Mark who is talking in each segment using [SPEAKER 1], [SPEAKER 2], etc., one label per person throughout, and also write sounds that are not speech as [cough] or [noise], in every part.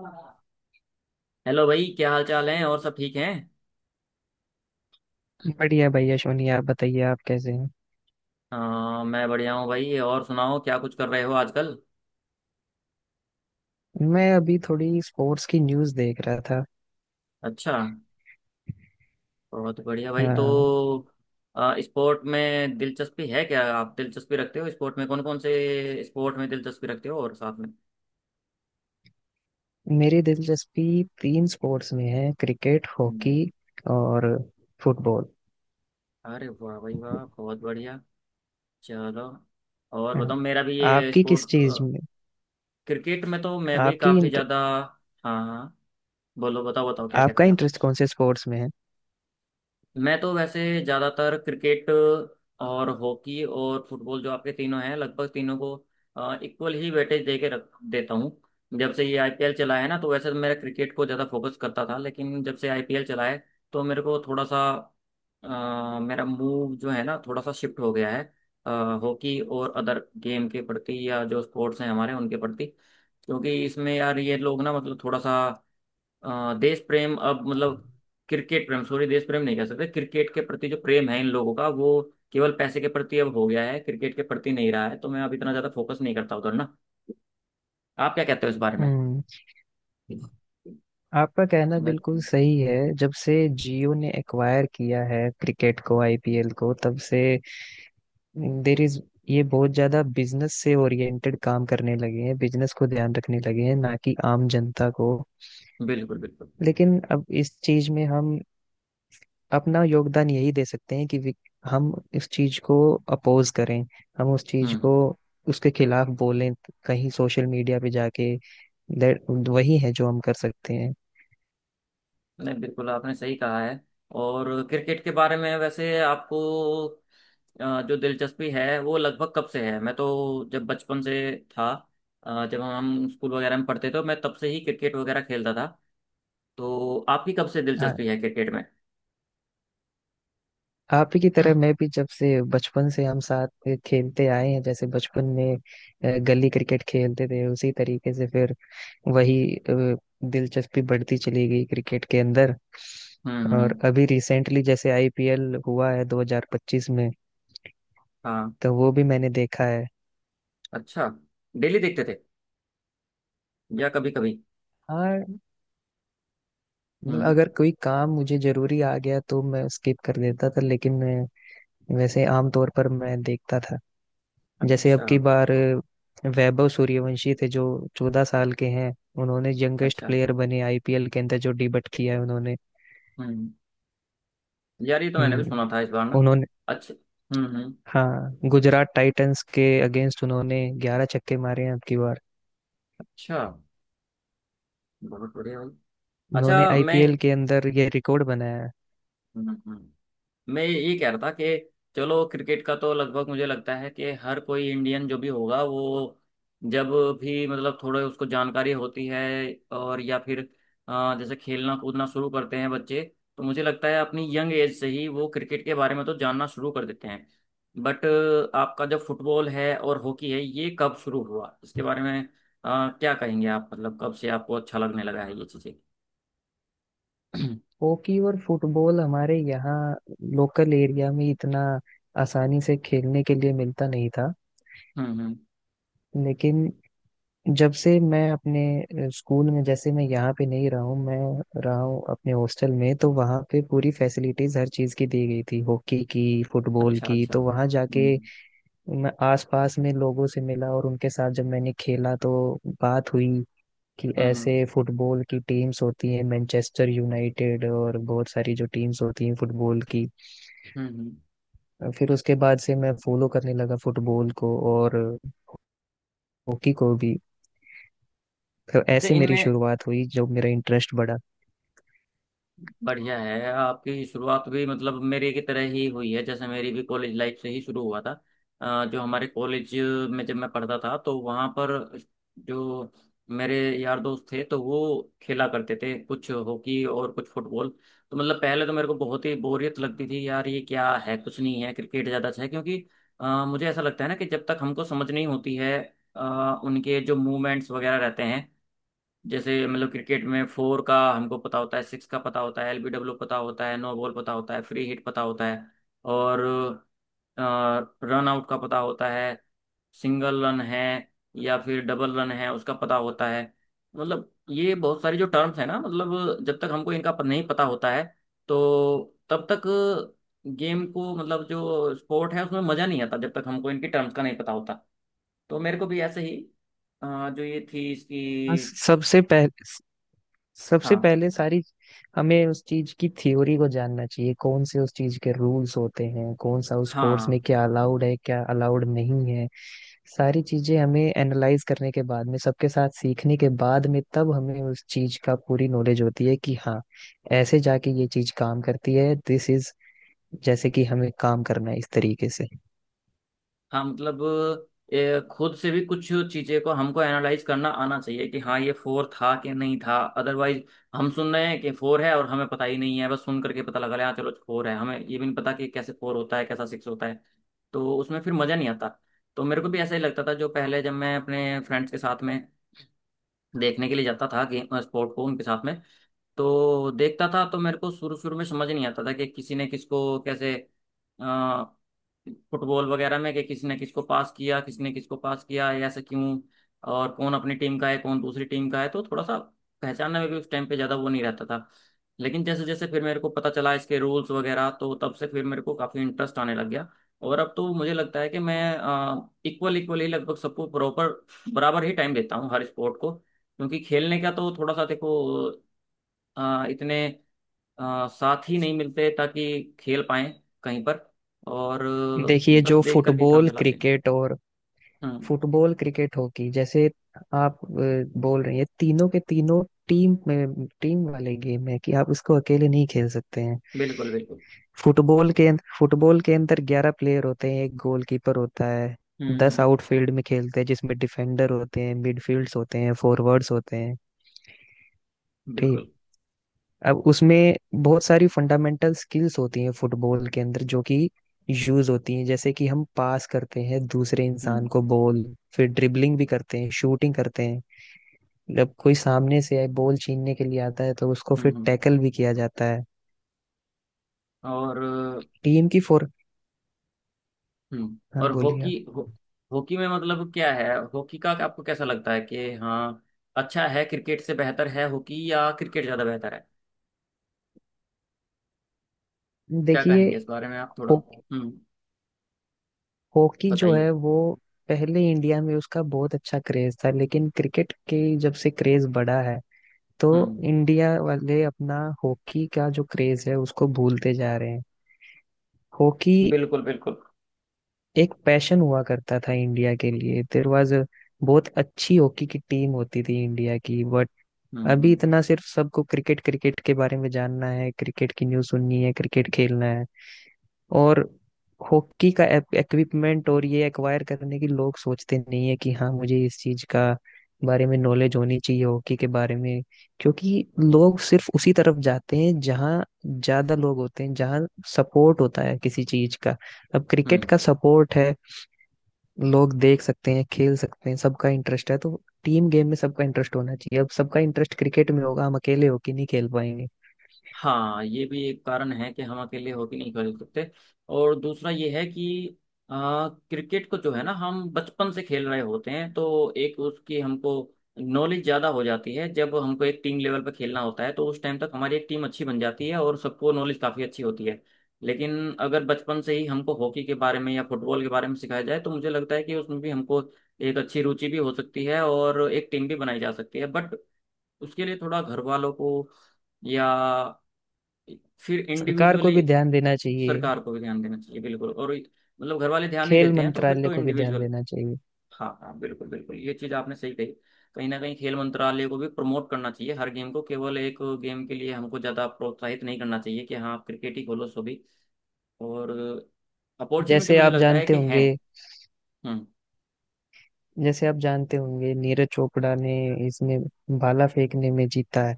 [SPEAKER 1] Hello. भाई, क्या हाल चाल है? और सब ठीक हैं?
[SPEAKER 2] बढ़िया भैया सोनी, आप बताइए आप कैसे हैं।
[SPEAKER 1] हाँ, मैं बढ़िया हूँ भाई। और सुनाओ, क्या कुछ कर रहे हो आजकल?
[SPEAKER 2] मैं अभी थोड़ी स्पोर्ट्स की न्यूज़ देख रहा था।
[SPEAKER 1] अच्छा। बहुत बढ़िया भाई। तो
[SPEAKER 2] हाँ,
[SPEAKER 1] स्पोर्ट में दिलचस्पी है? क्या आप दिलचस्पी रखते हो स्पोर्ट में? कौन कौन से स्पोर्ट में दिलचस्पी रखते हो? और साथ में।
[SPEAKER 2] मेरी दिलचस्पी तीन स्पोर्ट्स में है। क्रिकेट,
[SPEAKER 1] हम्म।
[SPEAKER 2] हॉकी और फुटबॉल।
[SPEAKER 1] अरे वाह भाई वाह, बहुत बढ़िया। चलो। और
[SPEAKER 2] हाँ,
[SPEAKER 1] बताओ, मेरा भी ये
[SPEAKER 2] आपकी किस
[SPEAKER 1] स्पोर्ट।
[SPEAKER 2] चीज़ में?
[SPEAKER 1] क्रिकेट में तो मैं भी
[SPEAKER 2] आपकी
[SPEAKER 1] काफ़ी
[SPEAKER 2] इंट-
[SPEAKER 1] ज़्यादा। हाँ, हाँ। बोलो, बताओ, बताओ, क्या
[SPEAKER 2] आपका
[SPEAKER 1] कहते हैं आप?
[SPEAKER 2] इंटरेस्ट कौन से स्पोर्ट्स में है?
[SPEAKER 1] मैं तो वैसे ज़्यादातर क्रिकेट और हॉकी और फुटबॉल, जो आपके तीनों हैं, लगभग तीनों को इक्वल ही वेटेज दे के रख देता हूँ। जब से ये आईपीएल चला है ना, तो वैसे तो मेरा क्रिकेट को ज़्यादा फोकस करता था, लेकिन जब से आईपीएल चला है, तो मेरे को थोड़ा सा मेरा मूव जो है ना, थोड़ा सा शिफ्ट हो गया है। अ, हॉकी और अदर गेम के प्रति, या जो स्पोर्ट्स हैं हमारे उनके प्रति। क्योंकि इसमें यार ये लोग ना, मतलब थोड़ा सा देश प्रेम, अब मतलब क्रिकेट प्रेम, सॉरी, देश प्रेम नहीं कह सकते, क्रिकेट के प्रति जो प्रेम है इन लोगों का वो केवल पैसे के प्रति अब हो गया है, क्रिकेट के प्रति नहीं रहा है, तो मैं अब इतना ज्यादा फोकस नहीं करता उधर ना। आप क्या कहते हो इस बारे में?
[SPEAKER 2] हम्म, आपका कहना
[SPEAKER 1] मैं-
[SPEAKER 2] बिल्कुल सही है। जब से जियो ने एक्वायर किया है क्रिकेट को, आईपीएल को, तब से देर इज, ये बहुत ज्यादा बिजनेस से ओरिएंटेड काम करने लगे हैं, बिजनेस को ध्यान रखने लगे हैं, ना कि आम जनता को।
[SPEAKER 1] बिल्कुल, बिल्कुल।
[SPEAKER 2] लेकिन अब इस चीज में हम अपना योगदान यही दे सकते हैं कि हम इस चीज को अपोज करें। हम उस चीज को,
[SPEAKER 1] हम्म।
[SPEAKER 2] उसके खिलाफ बोलें कहीं सोशल मीडिया पे जाके। वही है जो हम कर सकते हैं।
[SPEAKER 1] नहीं, बिल्कुल, आपने सही कहा है। और क्रिकेट के बारे में वैसे आपको जो दिलचस्पी है वो लगभग कब से है? मैं तो जब बचपन से था, जब हम स्कूल वगैरह में पढ़ते थे तो मैं तब से ही क्रिकेट वगैरह खेलता था। तो आपकी कब से
[SPEAKER 2] आ-
[SPEAKER 1] दिलचस्पी है क्रिकेट में?
[SPEAKER 2] आप ही की तरह
[SPEAKER 1] [clears throat]
[SPEAKER 2] मैं भी, जब से बचपन से हम साथ खेलते आए हैं, जैसे बचपन में गली क्रिकेट खेलते थे, उसी तरीके से फिर वही, दिलचस्पी बढ़ती चली गई क्रिकेट के अंदर।
[SPEAKER 1] हम्म,
[SPEAKER 2] और
[SPEAKER 1] हम्म।
[SPEAKER 2] अभी रिसेंटली जैसे आईपीएल हुआ है 2025 में,
[SPEAKER 1] हाँ।
[SPEAKER 2] तो वो भी मैंने देखा है।
[SPEAKER 1] अच्छा। डेली देखते थे या कभी कभी?
[SPEAKER 2] हाँ, मतलब
[SPEAKER 1] हम्म।
[SPEAKER 2] अगर कोई काम मुझे जरूरी आ गया तो मैं स्किप कर देता था, लेकिन मैं वैसे आमतौर पर मैं देखता था। जैसे अब
[SPEAKER 1] अच्छा,
[SPEAKER 2] की बार वैभव सूर्यवंशी थे, जो 14 साल के हैं। उन्होंने यंगेस्ट
[SPEAKER 1] अच्छा।
[SPEAKER 2] प्लेयर बने आईपीएल के अंदर जो डिबट किया है उन्होंने।
[SPEAKER 1] हम्म। यार ये तो मैंने भी
[SPEAKER 2] हम्म,
[SPEAKER 1] सुना था इस बार ना।
[SPEAKER 2] उन्होंने,
[SPEAKER 1] अच्छा। हम्म, हम्म।
[SPEAKER 2] हाँ, गुजरात टाइटंस के अगेंस्ट उन्होंने 11 छक्के मारे हैं अब की बार।
[SPEAKER 1] अच्छा, बहुत बढ़िया भाई।
[SPEAKER 2] उन्होंने
[SPEAKER 1] अच्छा। मैं
[SPEAKER 2] आईपीएल के अंदर ये रिकॉर्ड बनाया है।
[SPEAKER 1] हम्म, मैं ये कह रहा था कि चलो, क्रिकेट का तो लगभग मुझे लगता है कि हर कोई इंडियन जो भी होगा वो जब भी, मतलब, थोड़े उसको जानकारी होती है, और या फिर जैसे खेलना कूदना शुरू करते हैं बच्चे, तो मुझे लगता है अपनी यंग एज से ही वो क्रिकेट के बारे में तो जानना शुरू कर देते हैं। बट आपका जो फुटबॉल है और हॉकी है, ये कब शुरू हुआ इसके बारे में? क्या कहेंगे आप, मतलब कब से आपको अच्छा लगने लगा है ये चीज़ें? [clears throat]
[SPEAKER 2] हॉकी और फुटबॉल हमारे यहाँ लोकल एरिया में इतना आसानी से खेलने के लिए मिलता नहीं था।
[SPEAKER 1] हम्म, हम्म।
[SPEAKER 2] लेकिन जब से मैं अपने स्कूल में, जैसे मैं यहाँ पे नहीं रहा हूँ, मैं रहा हूँ अपने हॉस्टल में, तो वहाँ पे पूरी फैसिलिटीज हर चीज़ की दी गई थी, हॉकी की, फुटबॉल
[SPEAKER 1] अच्छा,
[SPEAKER 2] की।
[SPEAKER 1] अच्छा।
[SPEAKER 2] तो वहाँ जाके
[SPEAKER 1] हम्म,
[SPEAKER 2] मैं आसपास में लोगों से मिला, और उनके साथ जब मैंने खेला तो बात हुई कि
[SPEAKER 1] हम्म। हम्म,
[SPEAKER 2] ऐसे फुटबॉल की टीम्स होती हैं, मैनचेस्टर यूनाइटेड और बहुत सारी जो टीम्स होती हैं फुटबॉल की।
[SPEAKER 1] हम्म,
[SPEAKER 2] फिर उसके बाद से मैं फॉलो करने लगा फुटबॉल को और हॉकी को भी। तो
[SPEAKER 1] अच्छा।
[SPEAKER 2] ऐसे मेरी
[SPEAKER 1] इनमें
[SPEAKER 2] शुरुआत हुई जब मेरा इंटरेस्ट बढ़ा।
[SPEAKER 1] बढ़िया है आपकी शुरुआत भी, मतलब मेरे की तरह ही हुई है, जैसे मेरी भी कॉलेज लाइफ से ही शुरू हुआ था। जो हमारे कॉलेज में जब मैं पढ़ता था तो वहाँ पर जो मेरे यार दोस्त थे तो वो खेला करते थे कुछ हॉकी और कुछ फुटबॉल। तो मतलब पहले तो मेरे को बहुत ही बोरियत लगती थी, यार ये क्या है, कुछ नहीं है, क्रिकेट ज़्यादा अच्छा है, क्योंकि मुझे ऐसा लगता है ना कि जब तक हमको समझ नहीं होती है उनके जो मूवमेंट्स वगैरह रहते हैं, जैसे मतलब क्रिकेट में फोर का हमको पता होता है, सिक्स का पता होता है, एलबीडब्ल्यू पता होता है, नो बॉल पता होता है, फ्री हिट पता होता है, और रन आउट का पता होता है, सिंगल रन है या फिर डबल रन है उसका पता होता है। मतलब ये बहुत सारी जो टर्म्स है ना, मतलब जब तक हमको इनका नहीं पता होता है, तो तब तक गेम को, मतलब जो स्पोर्ट है, उसमें मज़ा नहीं आता जब तक हमको इनकी टर्म्स का नहीं पता होता। तो मेरे को भी ऐसे ही जो ये थी
[SPEAKER 2] हाँ,
[SPEAKER 1] इसकी।
[SPEAKER 2] सबसे पहले, सबसे
[SPEAKER 1] हाँ,
[SPEAKER 2] पहले सारी, हमें उस चीज की थ्योरी को जानना चाहिए, कौन से उस चीज के रूल्स होते हैं, कौन सा उस कोर्स
[SPEAKER 1] हाँ।
[SPEAKER 2] में क्या अलाउड है, क्या अलाउड नहीं है। सारी चीजें हमें एनालाइज करने के बाद में, सबके साथ सीखने के बाद में, तब हमें उस चीज का पूरी नॉलेज होती है कि हाँ, ऐसे जाके ये चीज काम करती है। दिस इज, जैसे कि हमें काम करना है इस तरीके से।
[SPEAKER 1] हाँ, मतलब ये खुद से भी कुछ चीजें को हमको एनालाइज करना आना चाहिए कि हाँ ये फोर था कि नहीं था, अदरवाइज हम सुन रहे हैं कि फोर है और हमें पता ही नहीं है, बस सुन करके पता लगा रहे हैं, हाँ चलो फोर है, हमें ये भी नहीं पता कि कैसे फोर होता है, कैसा सिक्स होता है। तो उसमें फिर मजा नहीं आता। तो मेरे को भी ऐसा ही लगता था, जो पहले जब मैं अपने फ्रेंड्स के साथ में देखने के लिए जाता था गेम स्पोर्ट को उनके साथ में, तो देखता था, तो मेरे को शुरू शुरू में समझ नहीं आता था कि किसी ने किसको कैसे अ, फुटबॉल वगैरह में, कि किसी ने किसको पास किया, किसी ने किसको पास किया, या ऐसा क्यों, और कौन अपनी टीम का है, कौन दूसरी टीम का है, तो थोड़ा सा पहचानने में भी उस टाइम पे ज़्यादा वो नहीं रहता था। लेकिन जैसे जैसे फिर मेरे को पता चला इसके रूल्स वगैरह, तो तब से फिर मेरे को काफ़ी इंटरेस्ट आने लग गया। और अब तो मुझे लगता है कि मैं इक्वल इक्वल ही लगभग सबको प्रॉपर बराबर ही टाइम देता हूँ हर स्पोर्ट को, क्योंकि खेलने का तो थोड़ा सा देखो, इतने साथी नहीं मिलते ताकि खेल पाएं कहीं पर, और
[SPEAKER 2] देखिए,
[SPEAKER 1] बस
[SPEAKER 2] जो
[SPEAKER 1] देख करके काम
[SPEAKER 2] फुटबॉल
[SPEAKER 1] चलाते हैं।
[SPEAKER 2] क्रिकेट और
[SPEAKER 1] हम्म।
[SPEAKER 2] फुटबॉल क्रिकेट हॉकी, जैसे आप बोल रही हैं, तीनों के तीनों टीम में, टीम वाले गेम है, कि आप इसको अकेले नहीं खेल सकते हैं।
[SPEAKER 1] बिल्कुल, बिल्कुल।
[SPEAKER 2] फुटबॉल के फुटबॉल के अंदर 11 प्लेयर होते हैं, एक गोलकीपर होता है।
[SPEAKER 1] हम्म,
[SPEAKER 2] दस
[SPEAKER 1] हम्म।
[SPEAKER 2] आउटफील्ड में खेलते हैं, जिसमें डिफेंडर होते हैं, मिडफील्ड्स होते हैं, फॉरवर्ड्स होते हैं। ठीक।
[SPEAKER 1] बिल्कुल।
[SPEAKER 2] अब उसमें बहुत सारी फंडामेंटल स्किल्स होती हैं फुटबॉल के अंदर, जो कि यूज होती हैं। जैसे कि हम पास करते हैं दूसरे इंसान
[SPEAKER 1] हम्म,
[SPEAKER 2] को बॉल, फिर ड्रिबलिंग भी करते हैं, शूटिंग करते हैं। जब कोई सामने से आए, बॉल छीनने के लिए आता है, तो उसको
[SPEAKER 1] हम्म,
[SPEAKER 2] फिर टैकल भी किया जाता है।
[SPEAKER 1] और
[SPEAKER 2] टीम की फोर,
[SPEAKER 1] हम्म।
[SPEAKER 2] हाँ,
[SPEAKER 1] और
[SPEAKER 2] बोलिए
[SPEAKER 1] हॉकी
[SPEAKER 2] आप।
[SPEAKER 1] हो, हॉकी में मतलब क्या है, हॉकी का आपको कैसा लगता है कि हाँ अच्छा है, क्रिकेट से बेहतर है हॉकी या क्रिकेट ज़्यादा बेहतर है? क्या
[SPEAKER 2] देखिए,
[SPEAKER 1] कहेंगे इस बारे में आप थोड़ा?
[SPEAKER 2] हो,
[SPEAKER 1] हम्म।
[SPEAKER 2] हॉकी जो
[SPEAKER 1] बताइए।
[SPEAKER 2] है वो पहले इंडिया में उसका बहुत अच्छा क्रेज था, लेकिन क्रिकेट के, जब से क्रेज बढ़ा है तो
[SPEAKER 1] हम्म।
[SPEAKER 2] इंडिया वाले अपना हॉकी का जो क्रेज है उसको भूलते जा रहे हैं। हॉकी
[SPEAKER 1] बिल्कुल, बिल्कुल।
[SPEAKER 2] एक पैशन हुआ करता था इंडिया के लिए। देयर वाज, बहुत अच्छी हॉकी की टीम होती थी इंडिया की।
[SPEAKER 1] हम्म,
[SPEAKER 2] अभी
[SPEAKER 1] हम्म,
[SPEAKER 2] इतना सिर्फ सबको क्रिकेट क्रिकेट के बारे में जानना है, क्रिकेट की न्यूज़ सुननी है, क्रिकेट खेलना है। और हॉकी का इक्विपमेंट और ये एक्वायर करने की लोग सोचते नहीं है कि हाँ, मुझे इस चीज का बारे में नॉलेज होनी चाहिए हॉकी के बारे में। क्योंकि लोग सिर्फ उसी तरफ जाते हैं जहाँ ज्यादा लोग होते हैं, जहाँ सपोर्ट होता है किसी चीज का। अब क्रिकेट का
[SPEAKER 1] हम्म।
[SPEAKER 2] सपोर्ट है, लोग देख सकते हैं, खेल सकते हैं, सबका इंटरेस्ट है। तो टीम गेम में सबका इंटरेस्ट होना चाहिए। अब सबका इंटरेस्ट क्रिकेट में होगा, हम अकेले होके नहीं खेल पाएंगे।
[SPEAKER 1] हाँ, ये भी एक कारण है कि हम अकेले हॉकी नहीं खेल सकते। और दूसरा ये है कि क्रिकेट को जो है ना, हम बचपन से खेल रहे होते हैं, तो एक उसकी हमको नॉलेज ज़्यादा हो जाती है, जब हमको एक टीम लेवल पर खेलना होता है तो उस टाइम तक हमारी एक टीम अच्छी बन जाती है और सबको नॉलेज काफ़ी अच्छी होती है। लेकिन अगर बचपन से ही हमको हॉकी के बारे में या फुटबॉल के बारे में सिखाया जाए, तो मुझे लगता है कि उसमें भी हमको एक अच्छी रुचि भी हो सकती है और एक टीम भी बनाई जा सकती है। बट उसके लिए थोड़ा घर वालों को, या फिर
[SPEAKER 2] सरकार को
[SPEAKER 1] इंडिविजुअली
[SPEAKER 2] भी ध्यान देना चाहिए।
[SPEAKER 1] सरकार को भी ध्यान देना चाहिए, बिल्कुल। और मतलब घर वाले ध्यान नहीं
[SPEAKER 2] खेल
[SPEAKER 1] देते हैं तो फिर
[SPEAKER 2] मंत्रालय
[SPEAKER 1] तो
[SPEAKER 2] को भी ध्यान
[SPEAKER 1] इंडिविजुअल।
[SPEAKER 2] देना चाहिए।
[SPEAKER 1] हाँ, हाँ, बिल्कुल, बिल्कुल, ये चीज आपने सही कही। कहीं ना कहीं खेल मंत्रालय को भी प्रमोट करना चाहिए हर गेम को, केवल एक गेम के लिए हमको ज्यादा प्रोत्साहित नहीं करना चाहिए कि हाँ आप क्रिकेट ही खोलो, सो भी, और अपॉर्चुनिटी
[SPEAKER 2] जैसे
[SPEAKER 1] मुझे
[SPEAKER 2] आप
[SPEAKER 1] लगता है
[SPEAKER 2] जानते
[SPEAKER 1] कि है।
[SPEAKER 2] होंगे
[SPEAKER 1] हम्म।
[SPEAKER 2] जैसे आप जानते होंगे, नीरज चोपड़ा ने इसमें भाला फेंकने में जीता है।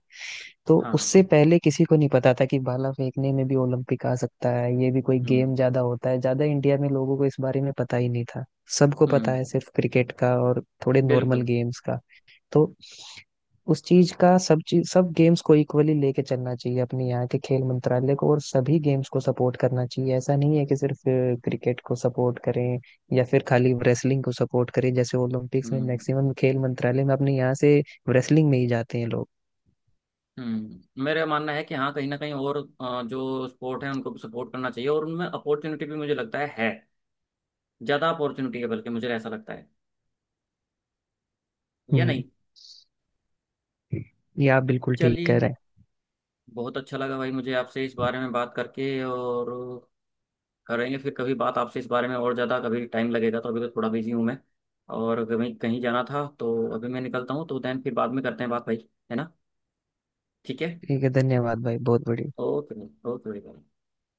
[SPEAKER 2] तो
[SPEAKER 1] हाँ, हाँ।
[SPEAKER 2] उससे पहले किसी को नहीं पता था कि भाला फेंकने में भी ओलंपिक आ सकता है, ये भी कोई
[SPEAKER 1] हम्म,
[SPEAKER 2] गेम ज्यादा होता है। ज्यादा इंडिया में लोगों को इस बारे में पता ही नहीं था। सबको पता
[SPEAKER 1] हम्म।
[SPEAKER 2] है सिर्फ क्रिकेट का और थोड़े नॉर्मल
[SPEAKER 1] बिल्कुल।
[SPEAKER 2] गेम्स का। तो उस चीज का, सब चीज सब गेम्स को इक्वली लेके चलना चाहिए अपने यहाँ के खेल मंत्रालय को, और सभी गेम्स को सपोर्ट करना चाहिए। ऐसा नहीं है कि सिर्फ क्रिकेट को सपोर्ट करें या फिर खाली रेसलिंग को सपोर्ट करें। जैसे ओलंपिक्स में
[SPEAKER 1] हम्म,
[SPEAKER 2] मैक्सिमम खेल मंत्रालय में अपने यहाँ से रेसलिंग में ही जाते हैं लोग।
[SPEAKER 1] हम्म। मेरा मानना है कि हाँ कहीं ना कहीं और जो स्पोर्ट है उनको भी सपोर्ट करना चाहिए, और उनमें अपॉर्चुनिटी भी मुझे लगता है, ज्यादा अपॉर्चुनिटी है, बल्कि मुझे ऐसा लगता है, या नहीं?
[SPEAKER 2] हम्म, ये आप बिल्कुल ठीक
[SPEAKER 1] चलिए,
[SPEAKER 2] कह रहे
[SPEAKER 1] बहुत अच्छा लगा भाई मुझे आपसे इस
[SPEAKER 2] हैं।
[SPEAKER 1] बारे में बात करके, और करेंगे फिर कभी बात आपसे इस बारे में और ज्यादा, कभी टाइम लगेगा, तो अभी तो थोड़ा बिजी हूँ मैं और कहीं कहीं जाना था, तो अभी मैं निकलता हूँ, तो देन फिर बाद में करते हैं बात भाई, है ना? ठीक है।
[SPEAKER 2] ठीक है, धन्यवाद भाई, बहुत बढ़िया।
[SPEAKER 1] ओके। ओके भाई, bye।